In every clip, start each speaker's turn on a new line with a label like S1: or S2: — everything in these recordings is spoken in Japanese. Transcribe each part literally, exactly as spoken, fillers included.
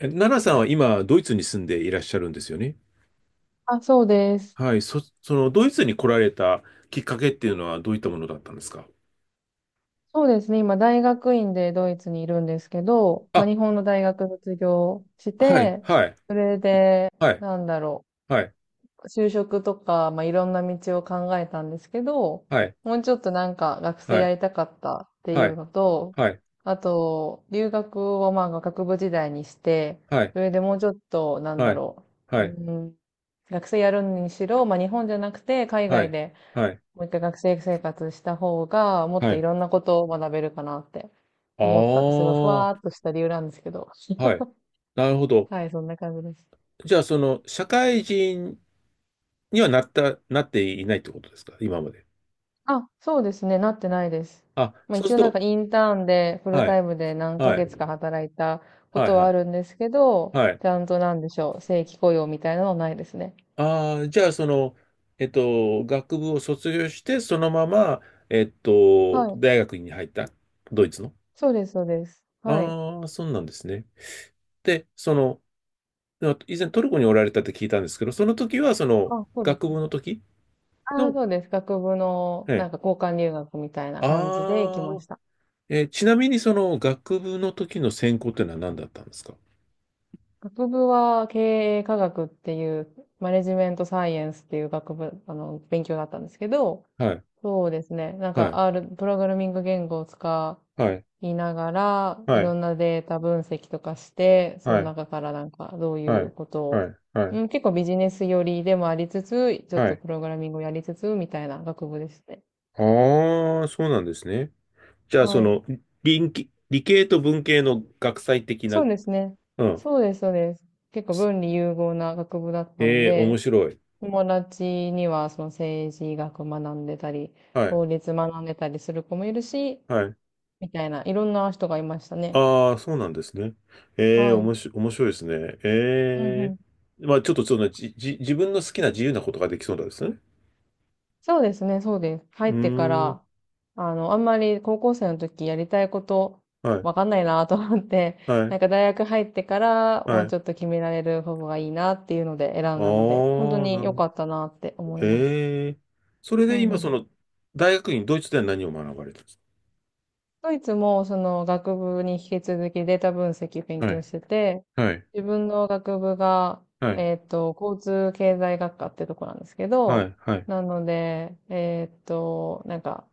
S1: え奈々さんは今、ドイツに住んでいらっしゃるんですよね。
S2: あ、そうです。
S1: はい。そ、その、ドイツに来られたきっかけっていうのはどういったものだったんですか？
S2: そうですね。今、大学院でドイツにいるんですけど、まあ、
S1: あ、
S2: 日本の大学卒業し
S1: はい、
S2: て、
S1: はい、
S2: それで、
S1: はい、
S2: なんだろ
S1: はい、
S2: う、就職とか、まあ、いろんな道を考えたんですけど、
S1: はい、
S2: もうちょっとなんか学
S1: は
S2: 生や
S1: い、
S2: りたかったってい
S1: は
S2: う
S1: い、
S2: のと、あと、留学をまあ学部時代にして、
S1: はい、
S2: それでもうちょっと、なん
S1: は
S2: だ
S1: い、
S2: ろう、
S1: はい、
S2: うん、学生やるにしろ、まあ、日本じゃなくて海
S1: は
S2: 外
S1: い、
S2: で
S1: はい、はい、
S2: もう一回学生生活した方が、もっ
S1: は
S2: とい
S1: い。
S2: ろんなことを学べるかなって
S1: あ
S2: 思ったって、すごいふわー
S1: あ、
S2: っとした理由なんですけど。
S1: はい。なるほど。
S2: はい、そんな感じです。
S1: じゃあ、その、社会人にはなった、なっていないってことですか今まで。
S2: あ、そうですね、なってないです。
S1: あ、
S2: まあ
S1: そう
S2: 一
S1: す
S2: 応
S1: る
S2: なんか
S1: と、
S2: インターンでフル
S1: は
S2: タ
S1: い、
S2: イムで何ヶ
S1: はい、
S2: 月か働いたこ
S1: はい、
S2: と
S1: は
S2: はあ
S1: い、
S2: るんですけど、
S1: はい。
S2: ちゃんとなんでしょう、正規雇用みたいなのはないですね。
S1: ああ、じゃあ、その、えっと、学部を卒業して、そのまま、えっと、
S2: はい。
S1: 大学に入った、ドイツの。
S2: そうです、そうです。はい。
S1: ああ、そうなんですね。で、その、あ、以前トルコにおられたって聞いたんですけど、その時は、その、
S2: あ、そうで
S1: 学
S2: す
S1: 部
S2: ね。
S1: の時
S2: あ、
S1: の、
S2: そうです。学部の
S1: え
S2: な
S1: え、
S2: んか交換留学みたいな感じで行き
S1: あ
S2: ま
S1: あ、
S2: した。
S1: えーちなみに、その、学部の時の専攻ってのは何だったんですか？
S2: 学部は経営科学っていう、マネジメントサイエンスっていう学部、あの、勉強だったんですけど、
S1: はい、
S2: そうですね。なん
S1: は
S2: か
S1: い、
S2: R、プログラミング言語を使
S1: はい、
S2: いながら、
S1: は
S2: いろ
S1: い、
S2: んなデータ分析とかして、そ
S1: は
S2: の
S1: い、
S2: 中からなんかどうい
S1: は
S2: う
S1: い、
S2: こと
S1: は
S2: を、
S1: い、はい、
S2: うん、結構ビジネス寄りでもありつつ、ちょっ
S1: は
S2: と
S1: い。
S2: プログラミングをやりつつ、みたいな学部ですね。
S1: ああ、そうなんですね。じゃあ、
S2: は
S1: そ
S2: い。
S1: の、理系、理系と文系の学際的な、
S2: そうです
S1: う
S2: ね。
S1: ん。
S2: そうです、そうです。結構文理融合な学部だったの
S1: ええ、面
S2: で、
S1: 白い。
S2: 友達にはその政治学学んでたり、
S1: はい。
S2: 法律学んでたりする子もいるし、
S1: はい。
S2: みたいな、いろんな人がいましたね。
S1: ああ、そうなんですね。ええ、
S2: は
S1: お
S2: い。
S1: もし、面白いですね。
S2: うんう
S1: え
S2: ん。
S1: え。まあ、ちょっとその、じ、じ、自分の好きな自由なことができそうなんですね。
S2: そうですね、そうです。入
S1: う
S2: ってか
S1: ーん。
S2: ら、あの、あんまり高校生の時やりたいこと、
S1: はい。
S2: わかんないなと思って、
S1: は
S2: な
S1: い。
S2: んか大学入ってから、
S1: は
S2: もう
S1: い。
S2: ちょっと決められる方がいいなっていうので選
S1: あ
S2: んだので、本当
S1: あ、な
S2: に
S1: る
S2: 良
S1: ほど。
S2: かったなって思います。
S1: ええ。それ
S2: う
S1: で
S2: んう
S1: 今、そ
S2: ん。
S1: の、大学院、ドイツでは何を学ばれたんです
S2: ドイツもその学部に引き続きデータ分析勉
S1: か？は
S2: 強
S1: い。
S2: してて、
S1: はい。
S2: 自分の学部が、
S1: はい。
S2: えっと、交通経済学科ってとこなんですけ
S1: は
S2: ど、
S1: い。はい。
S2: なので、えっと、なんか、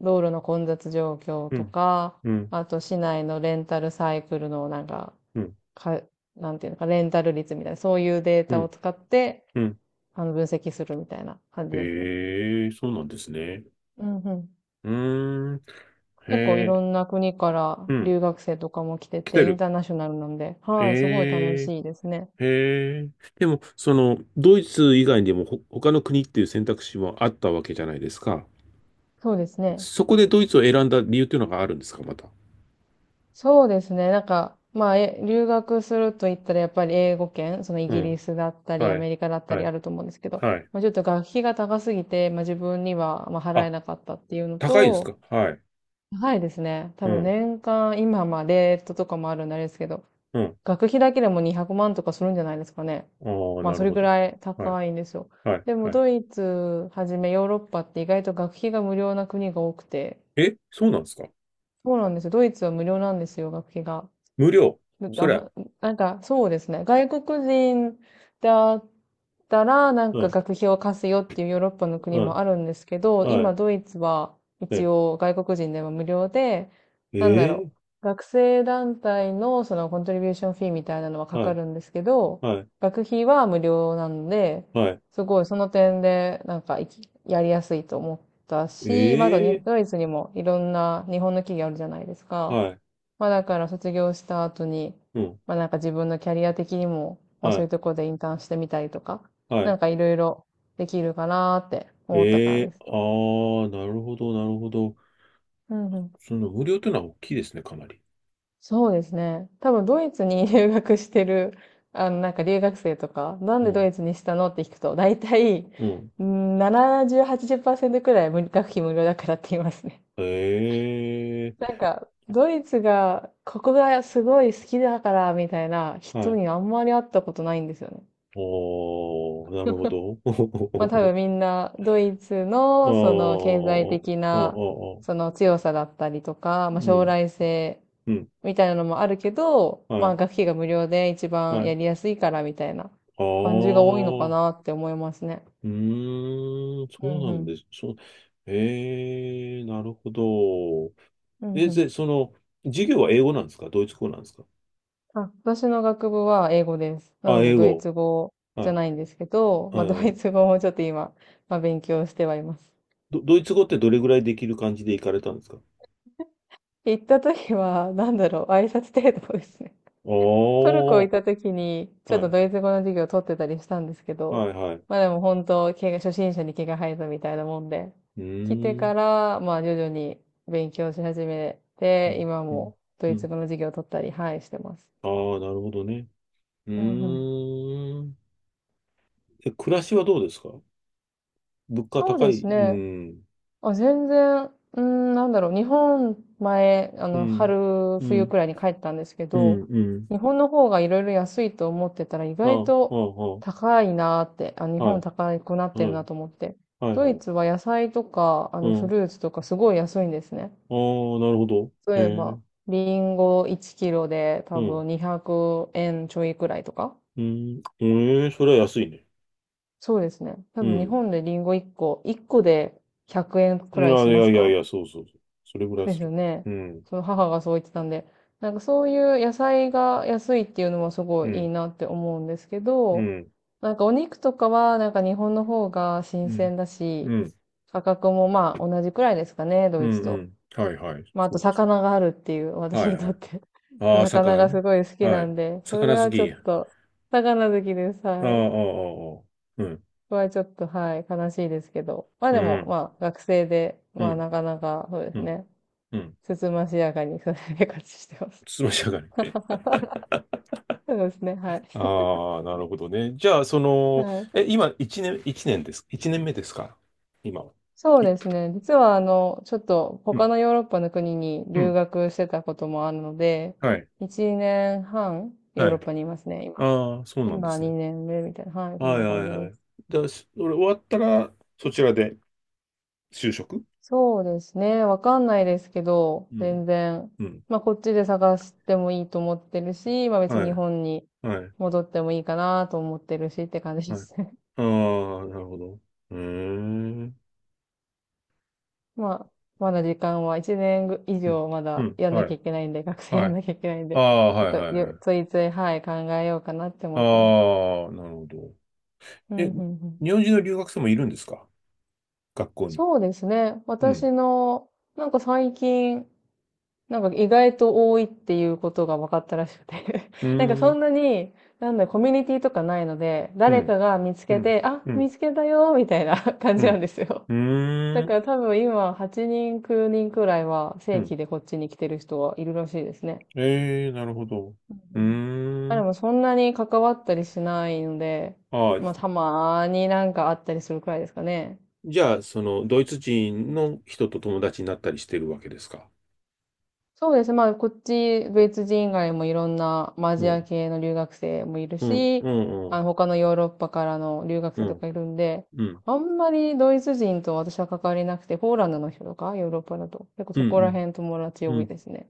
S2: 道路の混雑状況
S1: う
S2: と
S1: ん。
S2: か、
S1: うん。
S2: あと市内のレンタルサイクルのなんか、
S1: うん。
S2: か、なんていうのか、レンタル率みたいな、そういうデー
S1: う
S2: タを
S1: ん。
S2: 使って、
S1: うん。
S2: あの、分析するみたいな感じですね。
S1: ええ、そうなんですね。
S2: うんうん。
S1: うーん。へ
S2: 結構い
S1: え、
S2: ろんな国から
S1: うん。
S2: 留学生とかも来て
S1: 来
S2: て、
S1: て
S2: イン
S1: る。
S2: ターナショナルなんで、はい、すごい楽
S1: え
S2: しいですね。
S1: え、へえ。でも、その、ドイツ以外にもほ他の国っていう選択肢もあったわけじゃないですか。
S2: そうですね。
S1: そこでドイツを選んだ理由っていうのがあるんですか、また。
S2: そうですね。なんか、まあ、え、留学すると言ったらやっぱり英語圏、そのイ
S1: う
S2: ギリ
S1: ん。
S2: スだったり、ア
S1: はい。
S2: メリカだった
S1: は
S2: りあ
S1: い。
S2: ると思うんですけど、
S1: はい。
S2: まあ、ちょっと学費が高すぎて、まあ自分にはまあ払
S1: あ、
S2: えなかったっていうの
S1: 高いんです
S2: と、
S1: か？はい。
S2: 高いですね。多
S1: う
S2: 分
S1: ん。
S2: 年間、今まあレートとかもあるんであれですけど、
S1: うん。
S2: 学費だけでもにひゃくまんとかするんじゃないですかね。
S1: ああ、
S2: まあ
S1: な
S2: そ
S1: る
S2: れ
S1: ほ
S2: ぐ
S1: ど。
S2: らい
S1: はい。
S2: 高いんですよ。
S1: はい。
S2: でも
S1: はい。
S2: ドイツはじめヨーロッパって意外と学費が無料な国が多くて、
S1: え、そうなんですか？
S2: そうなんですよ。ドイツは無料なんですよ、学費が。
S1: 無料。そりゃ。
S2: ななんか、そうですね。外国人だったら、なん
S1: は
S2: か
S1: い。
S2: 学費を貸すよっていうヨーロッパの国
S1: は
S2: も
S1: い。
S2: あるんですけど、
S1: は
S2: 今
S1: い。
S2: ドイツは一
S1: え
S2: 応外国人でも無料で、なんだろ
S1: え、
S2: う。学生団体のそのコントリビューションフィーみたいなのは
S1: ー
S2: か
S1: は
S2: か
S1: い。
S2: るんですけど、
S1: はい。
S2: 学費は無料なんで、
S1: はい。
S2: すごいその点でなんかいきやりやすいと思ったし、まだに
S1: ええ、
S2: ドイツにもいろんな日本の企業あるじゃないですか。
S1: はい。
S2: まあだから卒業した後に、
S1: うん。
S2: まあなんか自分のキャリア的にも、まあ
S1: は
S2: そうい
S1: い。
S2: うところでインターンしてみたりとか、
S1: は
S2: な
S1: い。
S2: んかいろいろできるかなーって思ったか
S1: え
S2: らで
S1: え、
S2: すね。
S1: ああ、ー、なるほど、なるほど。
S2: うんうん。
S1: その無料というのは大きいですね、かなり。
S2: そうですね。多分ドイツに 留学してる、あのなんか留学生とか、なん
S1: う
S2: でド
S1: ん。
S2: イツにしたのって聞くと、大体、
S1: うん。
S2: うんななじゅう、はちじゅうパーセントくらい無学費無料だからって言いますね。
S1: え
S2: な
S1: え、
S2: んか、ドイツが、ここがすごい好きだから、みたいな
S1: は
S2: 人
S1: い。
S2: にあんまり会ったことないんですよね。
S1: おー、なるほど。
S2: まあ 多分みんなドイツ
S1: あ
S2: のその経済
S1: ー
S2: 的
S1: あ、ああ、
S2: な
S1: あ
S2: そ
S1: あ、
S2: の強さだったりとか、
S1: う
S2: まあ将
S1: ん、
S2: 来性
S1: うん。
S2: みたいなのもあるけど、
S1: は
S2: まあ
S1: い、
S2: 学費が無料で一
S1: は
S2: 番や
S1: い。
S2: りやすいからみたいな
S1: あ
S2: 感じが
S1: あ、
S2: 多いのかなって思いますね。
S1: うーん、そ
S2: うんう
S1: うなん
S2: ん。
S1: です。そう、ええ、なるほど。
S2: うん
S1: え、
S2: う
S1: で、
S2: ん。
S1: その、授業は英語なんですか、ドイツ語なんですか？
S2: あ、私の学部は英語です。な
S1: あ、
S2: の
S1: 英
S2: でドイ
S1: 語。
S2: ツ語じゃ
S1: は
S2: ないんですけど、
S1: い。え
S2: まあドイ
S1: ー、
S2: ツ語もちょっと今、まあ勉強してはいます。
S1: ど、ドイツ語ってどれぐらいできる感じで行かれたんですか？
S2: 行った時は、なんだろう、挨拶程度ですね。トルコ行
S1: お
S2: っ
S1: ー。
S2: た時に、ちょっ
S1: は
S2: と
S1: い。
S2: ドイツ語の授業を取ってたりしたんですけ
S1: は
S2: ど、
S1: い、はい。う
S2: まあでも本当、毛が、初心者に毛が生えたみたいなもんで、
S1: ー
S2: 来てか
S1: ん。
S2: ら、まあ徐々に勉強し始め
S1: う
S2: て、
S1: ん、
S2: 今
S1: うん、
S2: もド
S1: う
S2: イツ
S1: ん。
S2: 語の授業を取ったり、はい、してます。
S1: ああ、なるほどね。う
S2: うんうん。
S1: ーん。え、暮らしはどうですか？物価
S2: そう
S1: 高
S2: で
S1: い。
S2: す
S1: う
S2: ね。
S1: ん。
S2: あ、全然、うーん、なんだろう、日本前、あ
S1: う
S2: の、
S1: ん。
S2: 春、
S1: う
S2: 冬く
S1: ん。
S2: らいに帰ったんですけ
S1: う
S2: ど、
S1: ん。うん。
S2: 日本の方がいろいろ安いと思ってたら意
S1: あ
S2: 外
S1: あ、
S2: と
S1: あ
S2: 高いなーって、あ、日
S1: あ、
S2: 本高くなっ
S1: ああ、
S2: てる
S1: はい。
S2: なと思って。
S1: はい。
S2: ド
S1: はい、は
S2: イ
S1: い。
S2: ツは野菜とか、あ
S1: う
S2: の、フ
S1: ん。
S2: ルーツとかすごい安いんですね。
S1: ああ、なるほど。へ
S2: 例え
S1: え。
S2: ば、リンゴいちキロで
S1: う
S2: 多
S1: ん。
S2: 分にひゃくえんちょいくらいとか。
S1: うん。ええ、それは安いね。
S2: そうですね。多
S1: う
S2: 分日
S1: ん。
S2: 本でリンゴ1個、1個でひゃくえんくえん
S1: い
S2: くらい
S1: やい
S2: しま
S1: や
S2: す
S1: いやい
S2: か？
S1: や、そうそうそう。それぐらい
S2: そうで
S1: す
S2: すよ
S1: る。
S2: ね。
S1: うん、
S2: その母がそう言ってたんで、なんかそういう野菜が安いっていうのもすご
S1: う
S2: いいい
S1: ん、
S2: なって思うんですけ
S1: う
S2: ど、
S1: ん、
S2: なんかお肉とかはなんか日本の方が新
S1: うん、
S2: 鮮だし、
S1: うん、
S2: 価格もまあ同じくらいですかね、ド
S1: うん、
S2: イツ
S1: う
S2: と。
S1: ん。はいはい。
S2: まああ
S1: そ
S2: と
S1: うです。
S2: 魚があるっていう、私
S1: はい
S2: にと
S1: は
S2: っ
S1: い。
S2: て
S1: ああ、
S2: 魚
S1: 魚
S2: がす
S1: ね。
S2: ごい好き
S1: は
S2: な
S1: い。
S2: んで、それ
S1: 魚好
S2: はちょっ
S1: き。あ
S2: と、魚好きです。
S1: あ、あ
S2: は
S1: あ、あ
S2: い。
S1: あ。うん、
S2: これはちょっと、はい、悲しいですけど。まあ
S1: う
S2: でも、
S1: ん、
S2: まあ学生で、
S1: う
S2: まあ
S1: ん、
S2: なかなか、そうで
S1: う
S2: す
S1: ん、
S2: ね。
S1: うん。
S2: つつましやかにそれで生活してます。
S1: つまし上がり。
S2: そうですね、はい。
S1: ああ、なるほどね。じゃあ、そ の、
S2: はい。
S1: え、今、一年、一年です。いちねんめですか、今は。
S2: そう
S1: い、
S2: ですね。実は、あの、ちょっと
S1: うん、
S2: 他のヨーロッパの国に
S1: う
S2: 留
S1: ん。
S2: 学してたこともあるので、
S1: はい、
S2: いちねんはんヨ
S1: は
S2: ー
S1: い。
S2: ロッパにいますね、今。
S1: ああ、そうなんで
S2: 今
S1: すね。
S2: にねんめみたいな。はい、そん
S1: はい
S2: な
S1: は
S2: 感じ
S1: いは
S2: で
S1: い。
S2: す。
S1: だ、それ終わったら、そちらで。就職。
S2: そうですね。わかんないですけど、
S1: うん。
S2: 全然。
S1: うん。
S2: まあ、こっちで探してもいいと思ってるし、まあ別
S1: は
S2: に日
S1: い、
S2: 本に
S1: はい、
S2: 戻ってもいいかなと思ってるしって感じ
S1: は
S2: で
S1: い。あ
S2: すね。
S1: あ、なるほど。うーん。
S2: まあ、まだ時間はいちねんぐ以
S1: うん、
S2: 上ま
S1: う
S2: だ
S1: ん、
S2: やんな
S1: は
S2: きゃ
S1: い、
S2: いけないんで、学生
S1: は
S2: やん
S1: い。
S2: なきゃいけないん
S1: あ
S2: で、
S1: あ、
S2: ちょっ
S1: はい、
S2: と
S1: はい、は
S2: ゆつ
S1: い。
S2: いつい、はい、考えようかなって思ってます。
S1: ああ、なるほど。
S2: う
S1: え、
S2: ん、うん、うん。
S1: 日本人の留学生もいるんですか、学校に。
S2: そうですね。
S1: うん。
S2: 私の、なんか最近、なんか意外と多いっていうことが分かったらしくて
S1: う
S2: なんか
S1: ー
S2: そ
S1: ん、
S2: んなに、なんだ、コミュニティとかないので、
S1: う
S2: 誰
S1: ん、
S2: かが見つ
S1: う
S2: け
S1: ん、
S2: て、あ、
S1: う
S2: 見
S1: ん、
S2: つけたよ、みたいな 感
S1: う
S2: じなん
S1: ん、
S2: ですよ。
S1: う
S2: だ
S1: ー
S2: か
S1: ん、
S2: ら多分今、はちにん、きゅうにんくらいは
S1: う
S2: 正
S1: ん。
S2: 規でこっちに来てる人はいるらしいですね。
S1: ええ、なるほど。
S2: うん
S1: うー
S2: うん。まあで
S1: ん。
S2: もそんなに関わったりしないので、
S1: ああ、
S2: まあたまーになんかあったりするくらいですかね。
S1: じゃあ、その、ドイツ人の人と友達になったりしてるわけですか？
S2: そうですね。まあこっち、ドイツ人以外もいろんなまあア
S1: う
S2: ジア
S1: ん、
S2: 系の留学生もいる
S1: うん、
S2: し、
S1: うん、う
S2: あ
S1: ん、
S2: の他のヨーロッパからの留学
S1: う
S2: 生と
S1: ん、
S2: かいるんで、
S1: うん。
S2: あんまりドイツ人と私は関わりなくて、ポーランドの人とか、ヨーロッパだと、結構
S1: う
S2: そこら
S1: ん
S2: 辺友達
S1: うん。
S2: 多
S1: う
S2: いですね。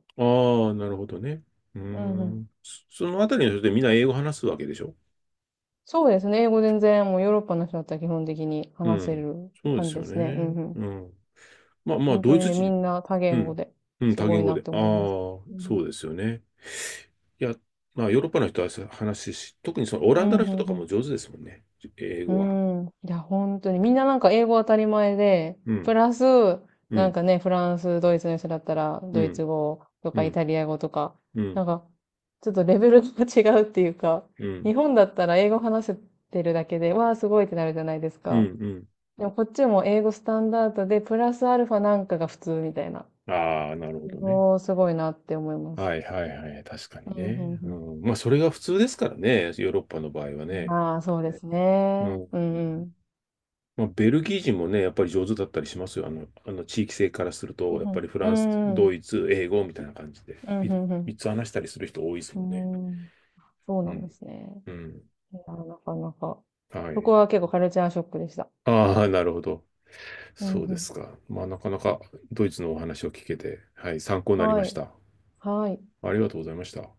S1: ん。ああ、なるほどね。うー
S2: うんうん。
S1: ん。そ、そのあたりの人ってみんな英語話すわけでしょ？
S2: そうですね。英語全然もうヨーロッパの人だったら基本的に
S1: う
S2: 話せ
S1: ん。
S2: る
S1: そうで
S2: 感じ
S1: す
S2: で
S1: よ
S2: すね。うん
S1: ね。
S2: うん。
S1: うん。まあま
S2: ほ
S1: あ、
S2: んと
S1: ドイ
S2: に
S1: ツ
S2: ね、み
S1: 人。
S2: んな多
S1: う
S2: 言語
S1: ん。
S2: で、
S1: うん、
S2: す
S1: 多
S2: ご
S1: 言
S2: い
S1: 語
S2: なっ
S1: で。
S2: て
S1: ああ、
S2: 思います。う
S1: そ
S2: ん。
S1: うですよね。いや、まあ、ヨーロッパの人はさ、話し、特にそのオ
S2: う
S1: ラン
S2: ん、
S1: ダ
S2: う
S1: の人
S2: ん
S1: とか
S2: う
S1: も上手ですもんね。英語は。
S2: ん。うん。いや、ほんとに、みんななんか英語当たり前で、
S1: う
S2: プ
S1: ん。
S2: ラス、
S1: う
S2: なん
S1: ん。
S2: かね、フランス、ドイツの人だったら、
S1: う
S2: ドイ
S1: ん。
S2: ツ語と
S1: う
S2: かイ
S1: ん。
S2: タリア語とか、
S1: う
S2: な
S1: ん。
S2: んか、ちょっとレベルが違うっていうか、
S1: うん。
S2: 日本だったら英語話せてるだけで、わあ、すごいってなるじゃないです
S1: うん。う
S2: か。
S1: ん。
S2: でもこっちも英語スタンダードで、プラスアルファなんかが普通みたいな。
S1: ああ、なるほどね。
S2: もうすごいなって思います。
S1: はいはいはい。確か
S2: う
S1: に
S2: ん、うんう
S1: ね。う
S2: ん。
S1: ん、まあ、それが普通ですからね、ヨーロッパの場合はね。
S2: まあ、そうです
S1: う
S2: ね。
S1: ん。
S2: うんうん。
S1: まあ、ベルギー人もね、やっぱり上手だったりしますよ。あの、あの地域性からすると、やっぱりフ
S2: う
S1: ランス、
S2: んう
S1: ド
S2: ん。
S1: イツ、英語みたいな感じで、
S2: うんう
S1: み
S2: んうん。
S1: みっつ話したりする人多いです
S2: う
S1: もんね。
S2: んうん。そう
S1: う
S2: なんで
S1: ん。
S2: すね。
S1: うん。
S2: いや、なかなか。
S1: は
S2: そこ
S1: い。
S2: は結構カルチャーショックでした。
S1: ああ、なるほど。
S2: うん
S1: そう
S2: う
S1: です
S2: ん。
S1: か。まあ、なかなかドイツのお話を聞けて、はい、参考になり
S2: は
S1: まし
S2: い。
S1: た。
S2: はい。
S1: ありがとうございました。